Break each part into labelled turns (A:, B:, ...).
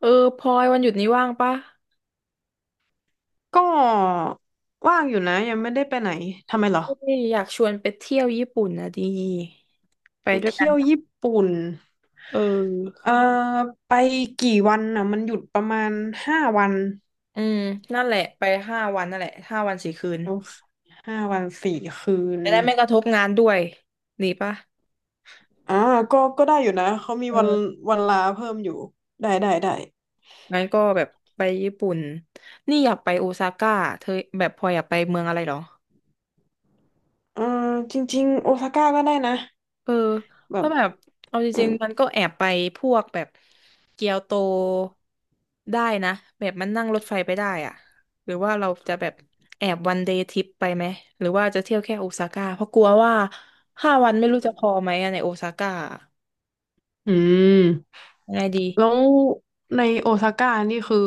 A: เออพลอยวันหยุดนี้ว่างปะ
B: ก็ว่างอยู่นะยังไม่ได้ไปไหนทำไมเหรอ
A: เอ้ยอยากชวนไปเที่ยวญี่ปุ่นนะดีไป
B: ไป
A: ด้วยกั
B: เที่
A: น
B: ยว
A: ปะ
B: ญี่ปุ่น
A: เออ
B: เอ่อไปกี่วันน่ะมันหยุดประมาณห้าวัน
A: อืมนั่นแหละไปห้าวันนั่นแหละ5 วัน 4 คืน
B: โอเคห้าวันสี่คืน
A: จะได้ไม่กระทบงานด้วยดีปะ
B: อ่าก็ได้อยู่นะเขามี
A: เอ
B: วัน
A: อ
B: ลาเพิ่มอยู่ได้ได้ได้
A: งั้นก็แบบไปญี่ปุ่นนี่อยากไปโอซาก้าเธอแบบพลอยอยากไปเมืองอะไรเหรอ
B: เอ่อจริงๆโอซาก้าก็ได้นะ
A: เออ
B: แบบ
A: ถ้าะแบบเอาจ
B: เออ
A: ริงๆมันก็แอบไปพวกแบบเกียวโตได้นะแบบมันนั่งรถไฟไปได้อะหรือว่าเราจะแบบแอบวันเดย์ทริปไปไหมหรือว่าจะเที่ยวแค่โอซาก้าเพราะกลัวว่าห้าวันไม่รู้จะพอไหมอะในโอซาก้า
B: อืม
A: ยังไงดี
B: แล้วในโอซาก้านี่คือ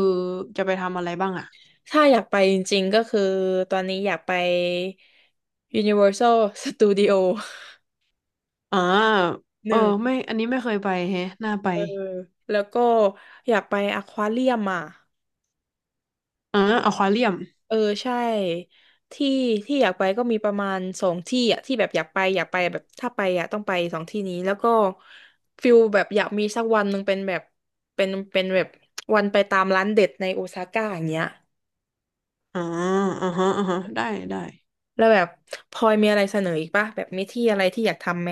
B: จะไปทำอะไรบ้างอ่ะ
A: ถ้าอยากไปจริงๆก็คือตอนนี้อยากไป Universal Studio
B: อ่า
A: ห
B: เออ
A: นึ่ง
B: ไม่อันนี้ไม่เคยไปแฮะน่าไป
A: เออแล้วก็อยากไปอควาเรียมอ่ะ
B: อ่าอควาเรียม
A: เออใช่ที่ที่อยากไปก็มีประมาณสองที่อ่ะที่แบบอยากไปอยากไปแบบถ้าไปอ่ะต้องไปสองที่นี้แล้วก็ฟิลแบบอยากมีสักวันหนึ่งเป็นแบบเป็นแบบวันไปตามร้านเด็ดในโอซาก้าอย่างเงี้ย
B: อ่าอ่าฮะอ่าฮะได้ได้
A: แล้วแบบพลอยมีอะไรเสนออีกปะแบบมีที่อะไรที่อยากทำไหม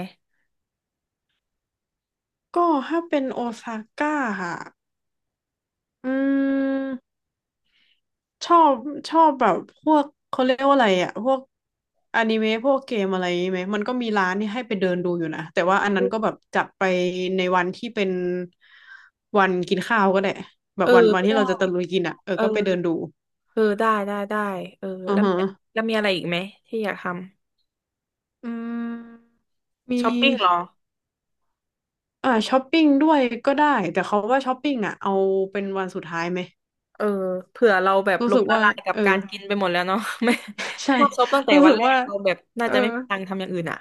B: ก็ถ้าเป็นโอซาก้าค่ะอืมชอบแบบพวกเขาเรียกว่าอะไรอะพวกอนิเมะพวกเกมอะไรไหมมันก็มีร้านนี่ให้ไปเดินดูอยู่นะแต่ว่าอันนั้นก็แบบจัดไปในวันที่เป็นวันกินข้าวก็ได้แบ
A: เอ
B: บ
A: อ
B: วัน
A: ก็
B: ที่
A: ได้
B: เราจะตะลุยกินอะเออ
A: เออ
B: ก็ไปเดินดู
A: เออได้ได้ได้เออ
B: อ่า
A: แล้ว
B: ฮะ
A: มีแล้วมีอะไรอีกไหมที่อยากท
B: อืมมี
A: ำช้อปปิ้งเหรอ
B: อ่าช้อปปิ้งด้วยก็ได้แต่เขาว่าช้อปปิ้งอ่ะเอาเป็นวันสุดท้ายไหม
A: เออเผื่อเราแบบ
B: รู้
A: ล้
B: สึ
A: ม
B: ก
A: ละ
B: ว่า
A: ลายกับ
B: เออ
A: การกินไปหมดแล้วเนาะ ไม่
B: ใช่
A: ชอบซบตั้งแต่
B: รู้
A: วั
B: สึ
A: น
B: ก
A: แรก
B: ว่า
A: เราแบบน่า
B: เออ
A: จะไม่มีตังค์ทำอย่างอื่นอ่ะ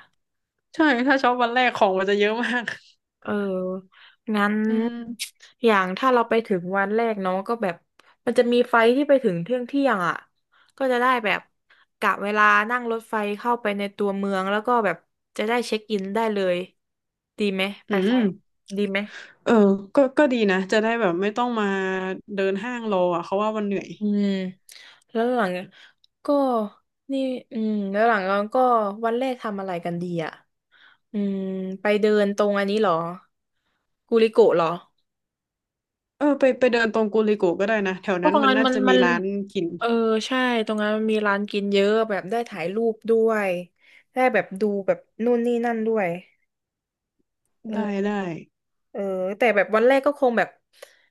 B: ใช่ถ้าช็อปวันแรกของมันจะเยอะมาก
A: เอองั้น
B: อืม
A: อย่างถ้าเราไปถึงวันแรกเนาะก็แบบมันจะมีไฟล์ที่ไปถึงเที่ยงเที่ยงอ่ะก็จะได้แบบกะเวลานั่งรถไฟเข้าไปในตัวเมืองแล้วก็แบบจะได้เช็คอินได้เลยดีไหมไป
B: อื
A: ไฟ
B: ม
A: ล์ดีไหม
B: เออก็ดีนะจะได้แบบไม่ต้องมาเดินห้างรออ่ะเขาว่ามันเหนื่อย
A: อืมแล้วหลังก็นี่อืมแล้วหลังก็วันแรกทำอะไรกันดีอ่ะอืมไปเดินตรงอันนี้เหรอกูริโกะเหรอ
B: เออไปเดินตรงกูลิโกะก็ได้นะแถว
A: เพราะ
B: นั้น
A: ตรง
B: มัน
A: นั้น
B: น่า
A: มัน
B: จะ
A: มั
B: มี
A: น
B: ร้านกิน
A: เออใช่ตรงนั้นมันมีร้านกินเยอะแบบได้ถ่ายรูปด้วยได้แบบดูแบบนู่นนี่นั่นด้วยเอ
B: ได้
A: อ
B: ได้
A: เออแต่แบบวันแรกก็คงแบบ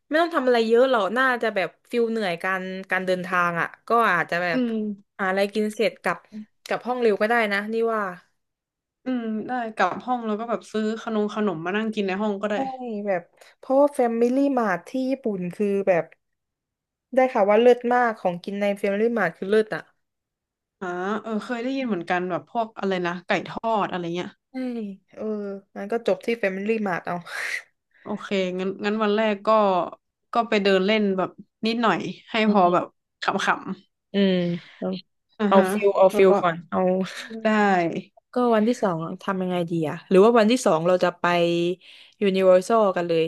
A: ไม่ต้องทำอะไรเยอะหรอกน่าจะแบบฟิลเหนื่อยการเดินทางอ่ะก็อาจจะแบ
B: อื
A: บ
B: ม
A: หาอะไรกินเสร็จกลับห้องเร็วก็ได้นะนี่ว่า
B: อืมได้กลับห้องแล้วก็แบบซื้อขนมมานั่งกินในห้องก็ได้
A: ใช่แบบเพราะว่าแฟมิลี่มาที่ญี่ปุ่นคือแบบได้ค่ะว่าเลิศมากของกินในแฟมิลี่มา t ์คือเลิศอ่ะ
B: อ่าเออเคยได้ยินเหมือนกันแบบพวกอะไรนะไก่ทอดอะไรเงี้ย
A: ใช่เอองั้นก็จบที่แฟมิลี่มา t ์เอา
B: โอเคงั้นวันแรกก็ไปเดินเล่นแบบนิดหน่อยให้
A: อื
B: พอแบบ
A: ม
B: ขำ
A: อืมเอา
B: ๆอ่า
A: เอา
B: ฮะ
A: ฟิลเอา
B: แล้
A: ฟิ
B: ว
A: ล
B: ก็
A: ก่อนเอา
B: ได้
A: ก็วันที่สองทำยังไงดีอะหรือว่าวันที่สองเราจะไป Universal กันเลย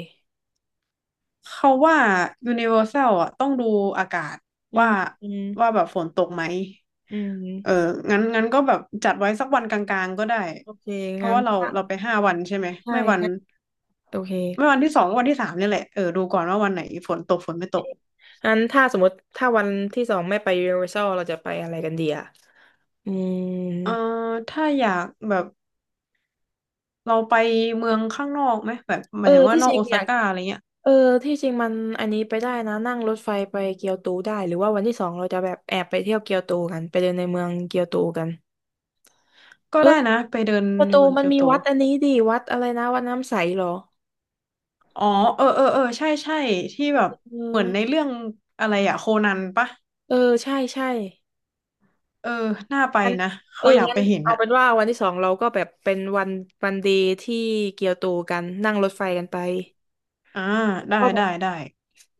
B: เขาว่า Universal อ่ะต้องดูอากาศ
A: อื
B: ว่า
A: มอืม
B: แบบฝนตกไหม
A: อื
B: เออ
A: ม
B: งั้นก็แบบจัดไว้สักวันกลางๆก็ได้
A: โอเค
B: เพราะ
A: งั้น
B: ว่าเรา
A: ถ้า
B: ไปห้าวันใช่ไหม
A: ใช่
B: ไม่วัน
A: งั้นโอเค
B: ไม่วันที่สองก็วันที่สามเนี่ยแหละเออดูก่อนว่าวันไหนฝนตกฝนไม่ตก
A: งั้นถ้าสมมติถ้าวันที่สองไม่ไป Universal เราจะไปอะไรกันดีอะอืม
B: เอ่อถ้าอยากแบบ เราไปเมืองข้างนอกไหมแบบห
A: เอ
B: มา
A: อ
B: ยถึงว่า
A: ที่
B: น
A: จ
B: อก
A: ริง
B: โอ
A: อ
B: ซา
A: ยาก
B: ก้าอะไรเงี้ย
A: เออที่จริงมันอันนี้ไปได้นะนั่งรถไฟไปเกียวโตได้หรือว่าวันที่สองเราจะแบบแอบไปเที่ยวเกียวโตกันไปเดินในเมืองเกียวโตกัน
B: ก็
A: เออ
B: ได้
A: ย
B: นะไปเดิน
A: เกียว
B: ใน
A: โต
B: เมือง
A: มัน
B: เกียว
A: มี
B: โต
A: วัดอันนี้ดิวัดอะไรนะวัดน้ำใสเหรอ
B: อ๋อเออเออเออใช่ใช่ที่แบบ
A: เออ
B: เหมือนในเรื่องอะไรอะโคนันปะ
A: เออใช่ใช่
B: เออน่าไป
A: งั้น
B: นะ
A: เอ
B: เขา
A: อ
B: อยาก
A: งั้
B: ไป
A: น
B: เห็น
A: เอา
B: อะ
A: เป็นว่าวันที่สองเราก็แบบเป็นวันวันเดีที่เกียวโตกัน นั่งรถไฟกันไป
B: อ่าได้
A: ก็แบ
B: ได้
A: บ
B: ได้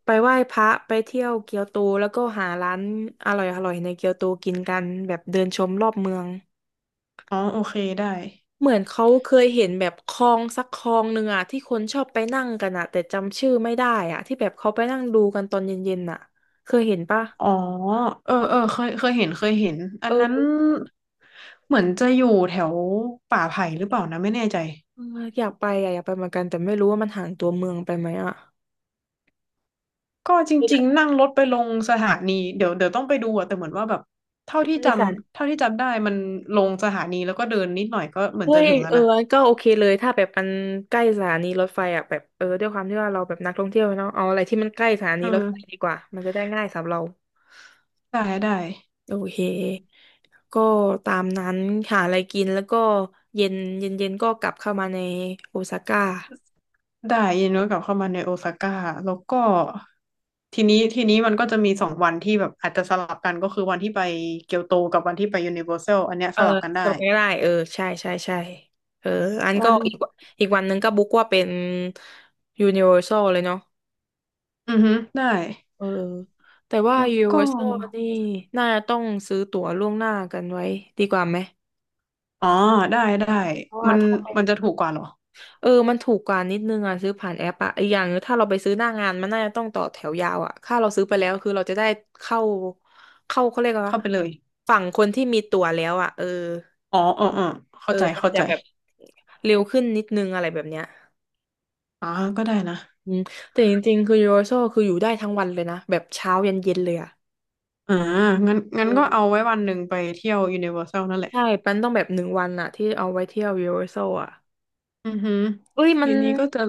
A: ไปไหว้พระไปเที่ยวเกียวโตแล้วก็หาร้านอร่อยอร่อยในเกียวโตกินกันแบบเดินชมรอบเมือง
B: อ๋อโอเคได้
A: เหมือนเขาเคยเห็นแบบคลองสักคลองหนึ่งอะที่คนชอบไปนั่งกันอะแต่จำชื่อไม่ได้อะที่แบบเขาไปนั่งดูกันตอนเย็นๆอะเคยเห็นปะ
B: อ๋อเออเออเคยเคยเห็นเคยเห็นอั
A: เอ
B: นนั้น
A: อ
B: เหมือนจะอยู่แถวป่าไผ่หรือเปล่านะไม่แน่ใจ
A: เอออยากไปอะอยากไปเหมือนกันแต่ไม่รู้ว่ามันห่างตัวเมืองไปไหมอะ
B: ก็จ
A: คือแบ
B: ริงๆ
A: บ
B: นั่งรถไปลงสถานีเดี๋ยวต้องไปดูอะแต่เหมือนว่าแบบเท่าที่
A: ใช่
B: จ
A: ค่ะ
B: ำได้มันลงสถานีแล้วก็เดินนิดหน่อยก็เหมือน
A: เฮ้
B: จะ
A: ย
B: ถึงแล้
A: เอ
B: ว
A: อ
B: นะ
A: ก็โอเคเลย ถ้าแบบมันใกล้สถานีรถไฟอ่ะแบบเออด้วยความที่ว่าเราแบบนักท่องเที่ยวเนาะเอาอะไรที่มันใกล้สถานี
B: อื
A: รถไฟ
B: ม
A: ดีกว่า มันจะได้ง่ายสำหรับเรา
B: ได้ได้
A: โอเคก็ตามนั้นหาอะไรกินแล้วก็เย็นเย็นเย็นก็กลับเข้ามาในโอซาก้า
B: ได้ยินว่ากลับเข้ามาในโอซาก้าแล้วก็ทีนี้มันก็จะมีสองวันที่แบบอาจจะสลับกันก็คือวันที่ไปเกียวโตกับวันที่ไปยูนิเวอร์แซลอันเนี้ย
A: เอ
B: ส
A: อ
B: ลับกัน
A: สำ
B: ได้
A: รบไม่ได้เออใช่ใช่ใช่เอออัน
B: วั
A: ก็
B: น
A: อีกวันอีกวันนึงก็บุ๊กว่าเป็นยูนิเวอร์ซเลยเนาะ
B: อือฮึได้
A: เออแต่ว่า
B: แล้วก็
A: Universal นี่น่าจะต้องซื้อตั๋วล่วงหน้ากันไว้ดีกว่าไหม
B: อ๋อได้ได้
A: เพราะว่า
B: มัน
A: ถ้าไป
B: จะถูกกว่าเหรอ
A: เออมันถูกกว่านิดนึงอ่ะซื้อผ่านแอปอ่ะอีกอย่างหนึงถ้าเราไปซื้อหน้างานมันน่าจะต้องต่อแถวยาวอ่ะถ้าเราซื้อไปแล้วคือเราจะได้เข้าเข้าเขาเรียกว่า
B: เข้าไปเลย
A: ฝั่งคนที่มีตั๋วแล้วอ่ะเออ
B: อ๋ออ๋ออ๋อ
A: เอ
B: เข้า
A: อ
B: ใจ
A: มัน
B: เข้า
A: จะ
B: ใจ
A: แบบเร็วขึ้นนิดนึงอะไรแบบเนี้ย
B: อ๋อ ก็ได้นะ
A: อืมแต่จริงๆคือ Universal คืออยู่ได้ทั้งวันเลยนะแบบเช้ายันเย็นเลยอ่ะ
B: อ่างั้น
A: เอ
B: ก็เอา
A: อ
B: ไว้วันหนึ่งไปเที่ยวยูนิเวอร์แซลนั่นแหละ
A: ใช่ปันต้องแบบหนึ่งวันอะที่เอาไว้เที่ยว Universal อร์แซลอะ
B: อือหือ
A: เอ้ยมั
B: ที
A: น
B: นี้ก็จะ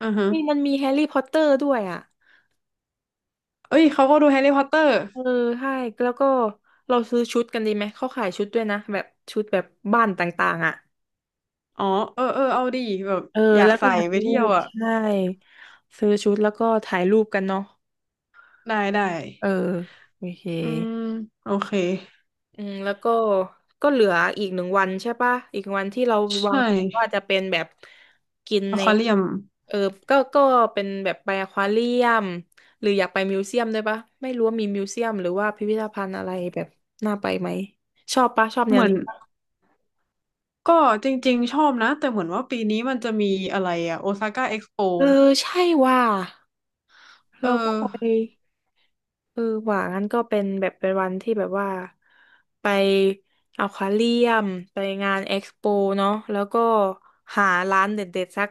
B: อ่าฮะ
A: เอ้ยมันมีแฮร์รี่พอตเตอร์ด้วยอ่ะ
B: เอ้ย เขาก็ดูแฮร์รี่พอตเตอร์
A: เออใช่แล้วก็เราซื้อชุดกันดีไหมเขาขายชุดด้วยนะแบบชุดแบบบ้านต่างๆอ่ะ
B: อ๋อเออเออเอาดีแบบ
A: เออ
B: อยาก
A: แล้วก็
B: ใส่
A: ถ่าย
B: ไป
A: รู
B: เที่ยว
A: ป
B: อ่ะ
A: ใช่ซื้อชุดแล้วก็ถ่ายรูปกันเนาะ
B: ได้ได้
A: เออโอเค
B: อืมโอเค
A: อืมแล้วก็เหลืออีกหนึ่งวันใช่ปะอีกวันที่เรา
B: ใช
A: วางแผนว่า
B: ่
A: จะเป็นแบบกิน
B: อ
A: ใน
B: ควาเรียม
A: เออก็เป็นแบบไปอควาเรียมหรืออยากไปมิวเซียมด้วยปะไม่รู้ว่ามีมิวเซียมหรือว่าพิพิธภัณฑ์อะไรแบบน่าไปไหมชอบปะชอบแน
B: เห
A: ว
B: มือน
A: นี้ปะ
B: ก็จริงๆชอบนะ แต่เหมือนว่าปีนี้มันจะมีอะไรอ่ะโอซาก้าเอ็กซ์โป
A: เออใช่ว่า
B: เอ
A: เราก็
B: อ
A: ไป เออหว่างั้นก็เป็นแบบเป็นวันที่แบบว่าไปอควาเรียมไปงานเอ็กซ์โปเนาะแล้วก็หาร้านเด็ดๆ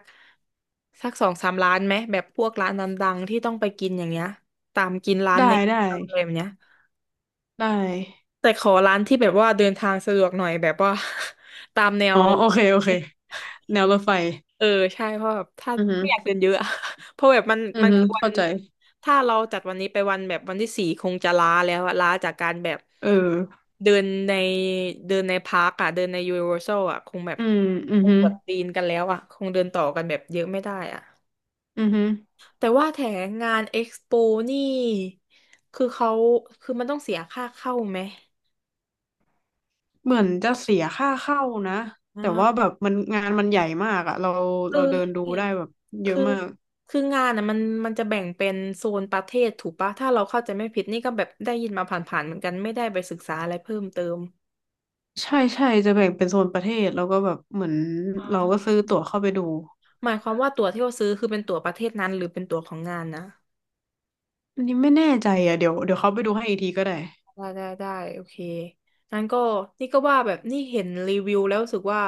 A: สักสองสามร้านไหมแบบพวกร้านดังๆที่ต้องไปกินอย่างเงี้ยตามกินร้าน
B: ได้
A: ใน
B: ได้
A: อะไรแบบเนี้ย
B: ได้
A: แต่ขอร้านที่แบบว่าเดินทางสะดวกหน่อยแบบว่า ตามแน
B: อ๋
A: ว
B: อ โอเคโอเค แนวรถไฟ
A: เออใช่เพราะแบบถ้า
B: อือหือ
A: ไม่อยากเดินเยอะอะ เพราะแบบ
B: อือ
A: มัน
B: หือ
A: คือวั
B: เข้า
A: น
B: ใจ
A: ถ้าเราจัดวันนี้ไปวันแบบวันที่สี่คงจะล้าแล้วอะล้าจากการแบบ
B: เออ
A: เดินในเดินในพาร์คอะเดินในยูนิเวอร์แซลอะคงแบบ
B: อืมอือ
A: คง
B: ฮึ
A: ปวดตีนกันแล้วอะคงเดินต่อกันแบบเยอะไม่ได้อะ
B: อือฮึ
A: แต่ว่าแถงงานเอ็กซ์โปนี่คือเขาคือมันต้องเสียค่าเข้าไหม
B: เหมือนจะเสียค่าเข้านะ แต่ว่า
A: อ่า
B: แบบมันงานมันใหญ่มากอะเรา
A: คือ
B: เดินดู
A: ใช่
B: ได้แบบเยอะ
A: คือ
B: มาก
A: งานอ่ะมันจะแบ่งเป็นโซนประเทศถูกปะถ้าเราเข้าใจไม่ผิดนี่ก็แบบได้ยินมาผ่านๆเหมือนกันไม่ได้ไปศึกษาอะไรเพิ่มเติม
B: ใช่ใช่จะแบ่งเป็นโซนประเทศแล้วก็แบบเหมือน
A: อ๋
B: เราก็
A: อ
B: ซื้อตั๋วเข้าไปดู
A: หมายความว่าตั๋วที่เราซื้อคือเป็นตั๋วประเทศนั้นหรือเป็นตั๋วของงานนะ
B: อันนี้ไม่แน่ใจอะเดี๋ยวเขาไปดูให้อีกทีก็ได้
A: ได้ได้ได้โอเคงั้นก็นี่ก็ว่าแบบนี่เห็นรีวิวแล้วรู้สึกว่า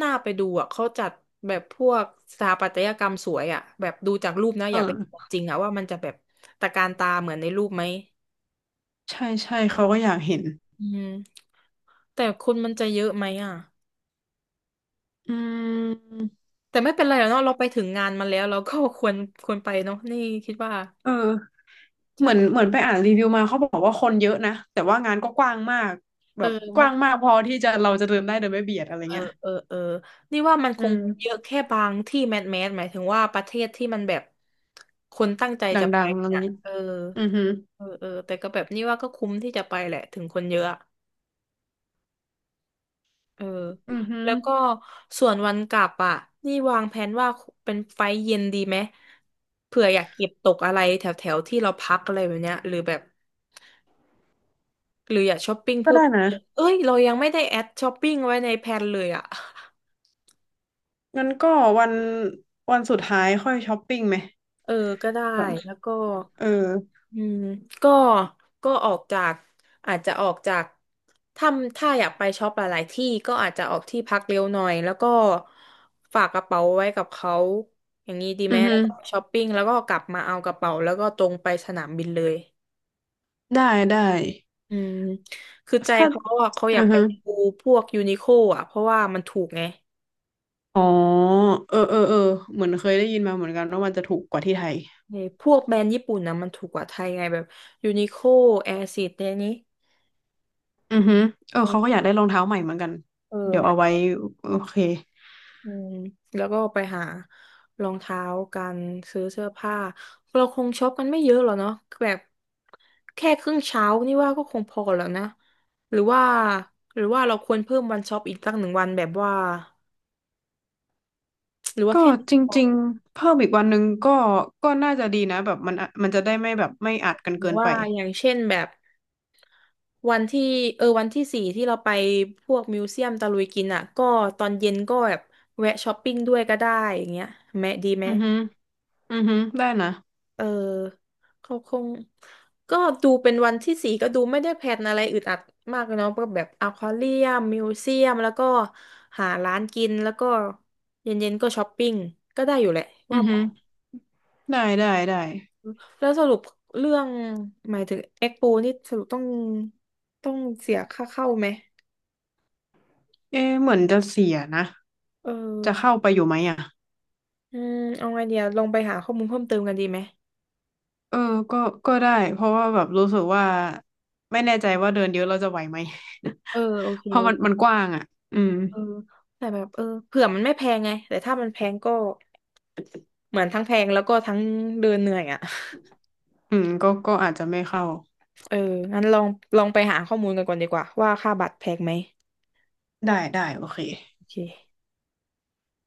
A: น่าไปดูอ่ะเขาจัดแบบพวกสถาปัตยกรรมสวยอ่ะแบบดูจากรูปนะ
B: เอ
A: อยา
B: อ
A: กไปเห็นของจริงอ่ะว่ามันจะแบบตระการตาเหมือนในรูปไหม
B: ใช่ใช่เขาก็อยากเห็น
A: อืม แต่คนมันจะเยอะไหมอ่ะ
B: อืม
A: แต่ไม่เป็นไรหรอกเนาะเราไปถึงงานมาแล้วเราก็ควรควรไปเนาะนี่คิดว่า
B: เออ
A: ใช่
B: เหมือน
A: ปะ
B: ไปอ่านรีวิวมาเขาบอกว่าคนเยอะนะแต่ว่างานก็กว้างมากแบ
A: เออ
B: บก
A: มัน
B: ว้างมากพอที่จะเราจะเดินได้โดยไม่เบียดอะไรเงี้ย
A: เออนี่ว่ามันค
B: อื
A: งเยอะ
B: ม
A: แค่บางที่แมสแมสหมายถึงว่าประเทศที่มันแบบคนตั้งใจ
B: ด
A: จะไป
B: ังๆอัน
A: เนี่ย
B: นี้
A: เออ
B: อือหือ
A: เออแต่ก็แบบนี่ว่าก็คุ้มที่จะไปแหละถึงคนเยอะอะเออ
B: อือหือ
A: แล้วก็ส่วนวันกลับอ่ะนี่วางแผนว่าเป็นไฟล์เย็นดีไหมเผื่ออยากเก็บตกอะไรแถวแถวที่เราพักอะไรแบบเนี้ยหรือแบบ หรืออยากช้อปปิ้ง
B: ก็
A: เพิ่ม
B: ได้
A: เติ
B: นะ
A: มเอ้ยเรายังไม่ได้แอดช้อปปิ้งไว้ในแพลนเลยอ่ะ
B: งั้นก็วันสุดท้ายค่อยช้อปปิ้งไหม
A: เออก็ได้
B: แบบ
A: แล้วก็
B: เออ
A: อืมก็ก็ออกจากอาจจะออกจากถ้าถ้าอยากไปช็อปหลายๆที่ก็อาจจะออกที่พักเร็วหน่อยแล้วก็ฝากกระเป๋าไว้กับเขาอย่างนี้ดี
B: อื
A: ไหม
B: อหื
A: แล้ว
B: อ
A: ก็ไปช้อปปิ้งแล้วก็กลับมาเอากระเป๋าแล้วก็ตรงไปสนามบินเลย
B: ได้ได้
A: อืมคือใจ
B: ถ้า
A: เขาอะเขาอ
B: อื
A: ยาก
B: อ
A: ไป
B: หือ
A: ดูพวกยูนิโคอ่ะเพราะว่ามันถูกไง
B: อ๋อเออเออเออเหมือนเคยได้ยินมาเหมือนกันว่ามันจะถูกกว่าที่ไทย
A: เอ้ยพวกแบรนด์ญี่ปุ่นนะมันถูกกว่าไทยไงแบบยูนิโคแอร์ซิดเนี่ยนี้
B: อือหึอเออ
A: เอ
B: เขาก็อ
A: อ
B: ยากได้รองเท้าใหม่เหมือนกัน เดี๋ยว
A: เนี่
B: เอา
A: ย
B: ไว้โอเค
A: อืมแล้วก็ไปหารองเท้ากันซื้อเสื้อผ้าเราคงช็อปกันไม่เยอะหรอกเนาะแบบแค่ครึ่งเช้านี่ว่าก็คงพอแล้วนะหรือว่าเราควรเพิ่มวันช็อปอีกสักหนึ่งวันแบบว่าหรือว่า
B: ก็
A: แค่นี้
B: จ
A: พอ
B: ริ
A: เล
B: ง
A: ย
B: ๆ เพิ่มอีกวันหนึ่งก็น่าจะดีนะแบบมันจะได้ไม่แบบไม่อัดกัน
A: หรื
B: เกิ
A: อ
B: น
A: ว่า
B: ไป
A: อย่างเช่นแบบ วันที่เออวันที่สี่ที่เราไปพวกมิวเซียมตะลุยกินอ่ะก็ตอนเย็นก็แบบแวะช้อปปิ้งด้วยก็ได้อย่างเงี้ยแม่ดีไหม
B: อือหึอือหึได้นะ
A: เออเขาคงก็ดูเป็นวันที่สี่ก็ดูไม่ได้แพลนอะไรอึดอัดมากเนาะก็แบบอควาเรียมมิวเซียมแล้วก็หาร้านกินแล้วก็เย็นๆก็ช้อปปิ้งก็ได้อยู่แหละ
B: อื
A: ว่า
B: อหึอ ได้ได้ได้
A: แล้วสรุปเรื่องหมายถึงเอ็กโปนี่สรุปต้องเสียค่าเข้าไหม
B: เอ๊ะเหมือนจะเสียนะ
A: เออ
B: จะเข้าไปอยู่ไหมอ่ะ
A: อืมเอาไงเดียวลองไปหาข้อมูลเพิ่มเติมกันดีไหม
B: เออก็ได้ เพราะว่าแบบรู้สึกว่าไม่แน่ใจว่าเดินเยอะเราจะไหวไหม
A: เออโอเค
B: เพราะ
A: โอ
B: มัน
A: เค
B: กว้างอ่ะ อืม
A: เออแต่แบบเออเผื่อมันไม่แพงไงแต่ถ้ามันแพงก็เหมือนทั้งแพงแล้วก็ทั้งเดินเหนื่อยอ่ะ
B: อืมก็อาจจะไม่เข้า
A: เอองั้นลองไปหาข้อมูลกันก่อนดีกว่าว่าค่าบัตรแพงไหม
B: ได้ได้โอเค
A: โอเค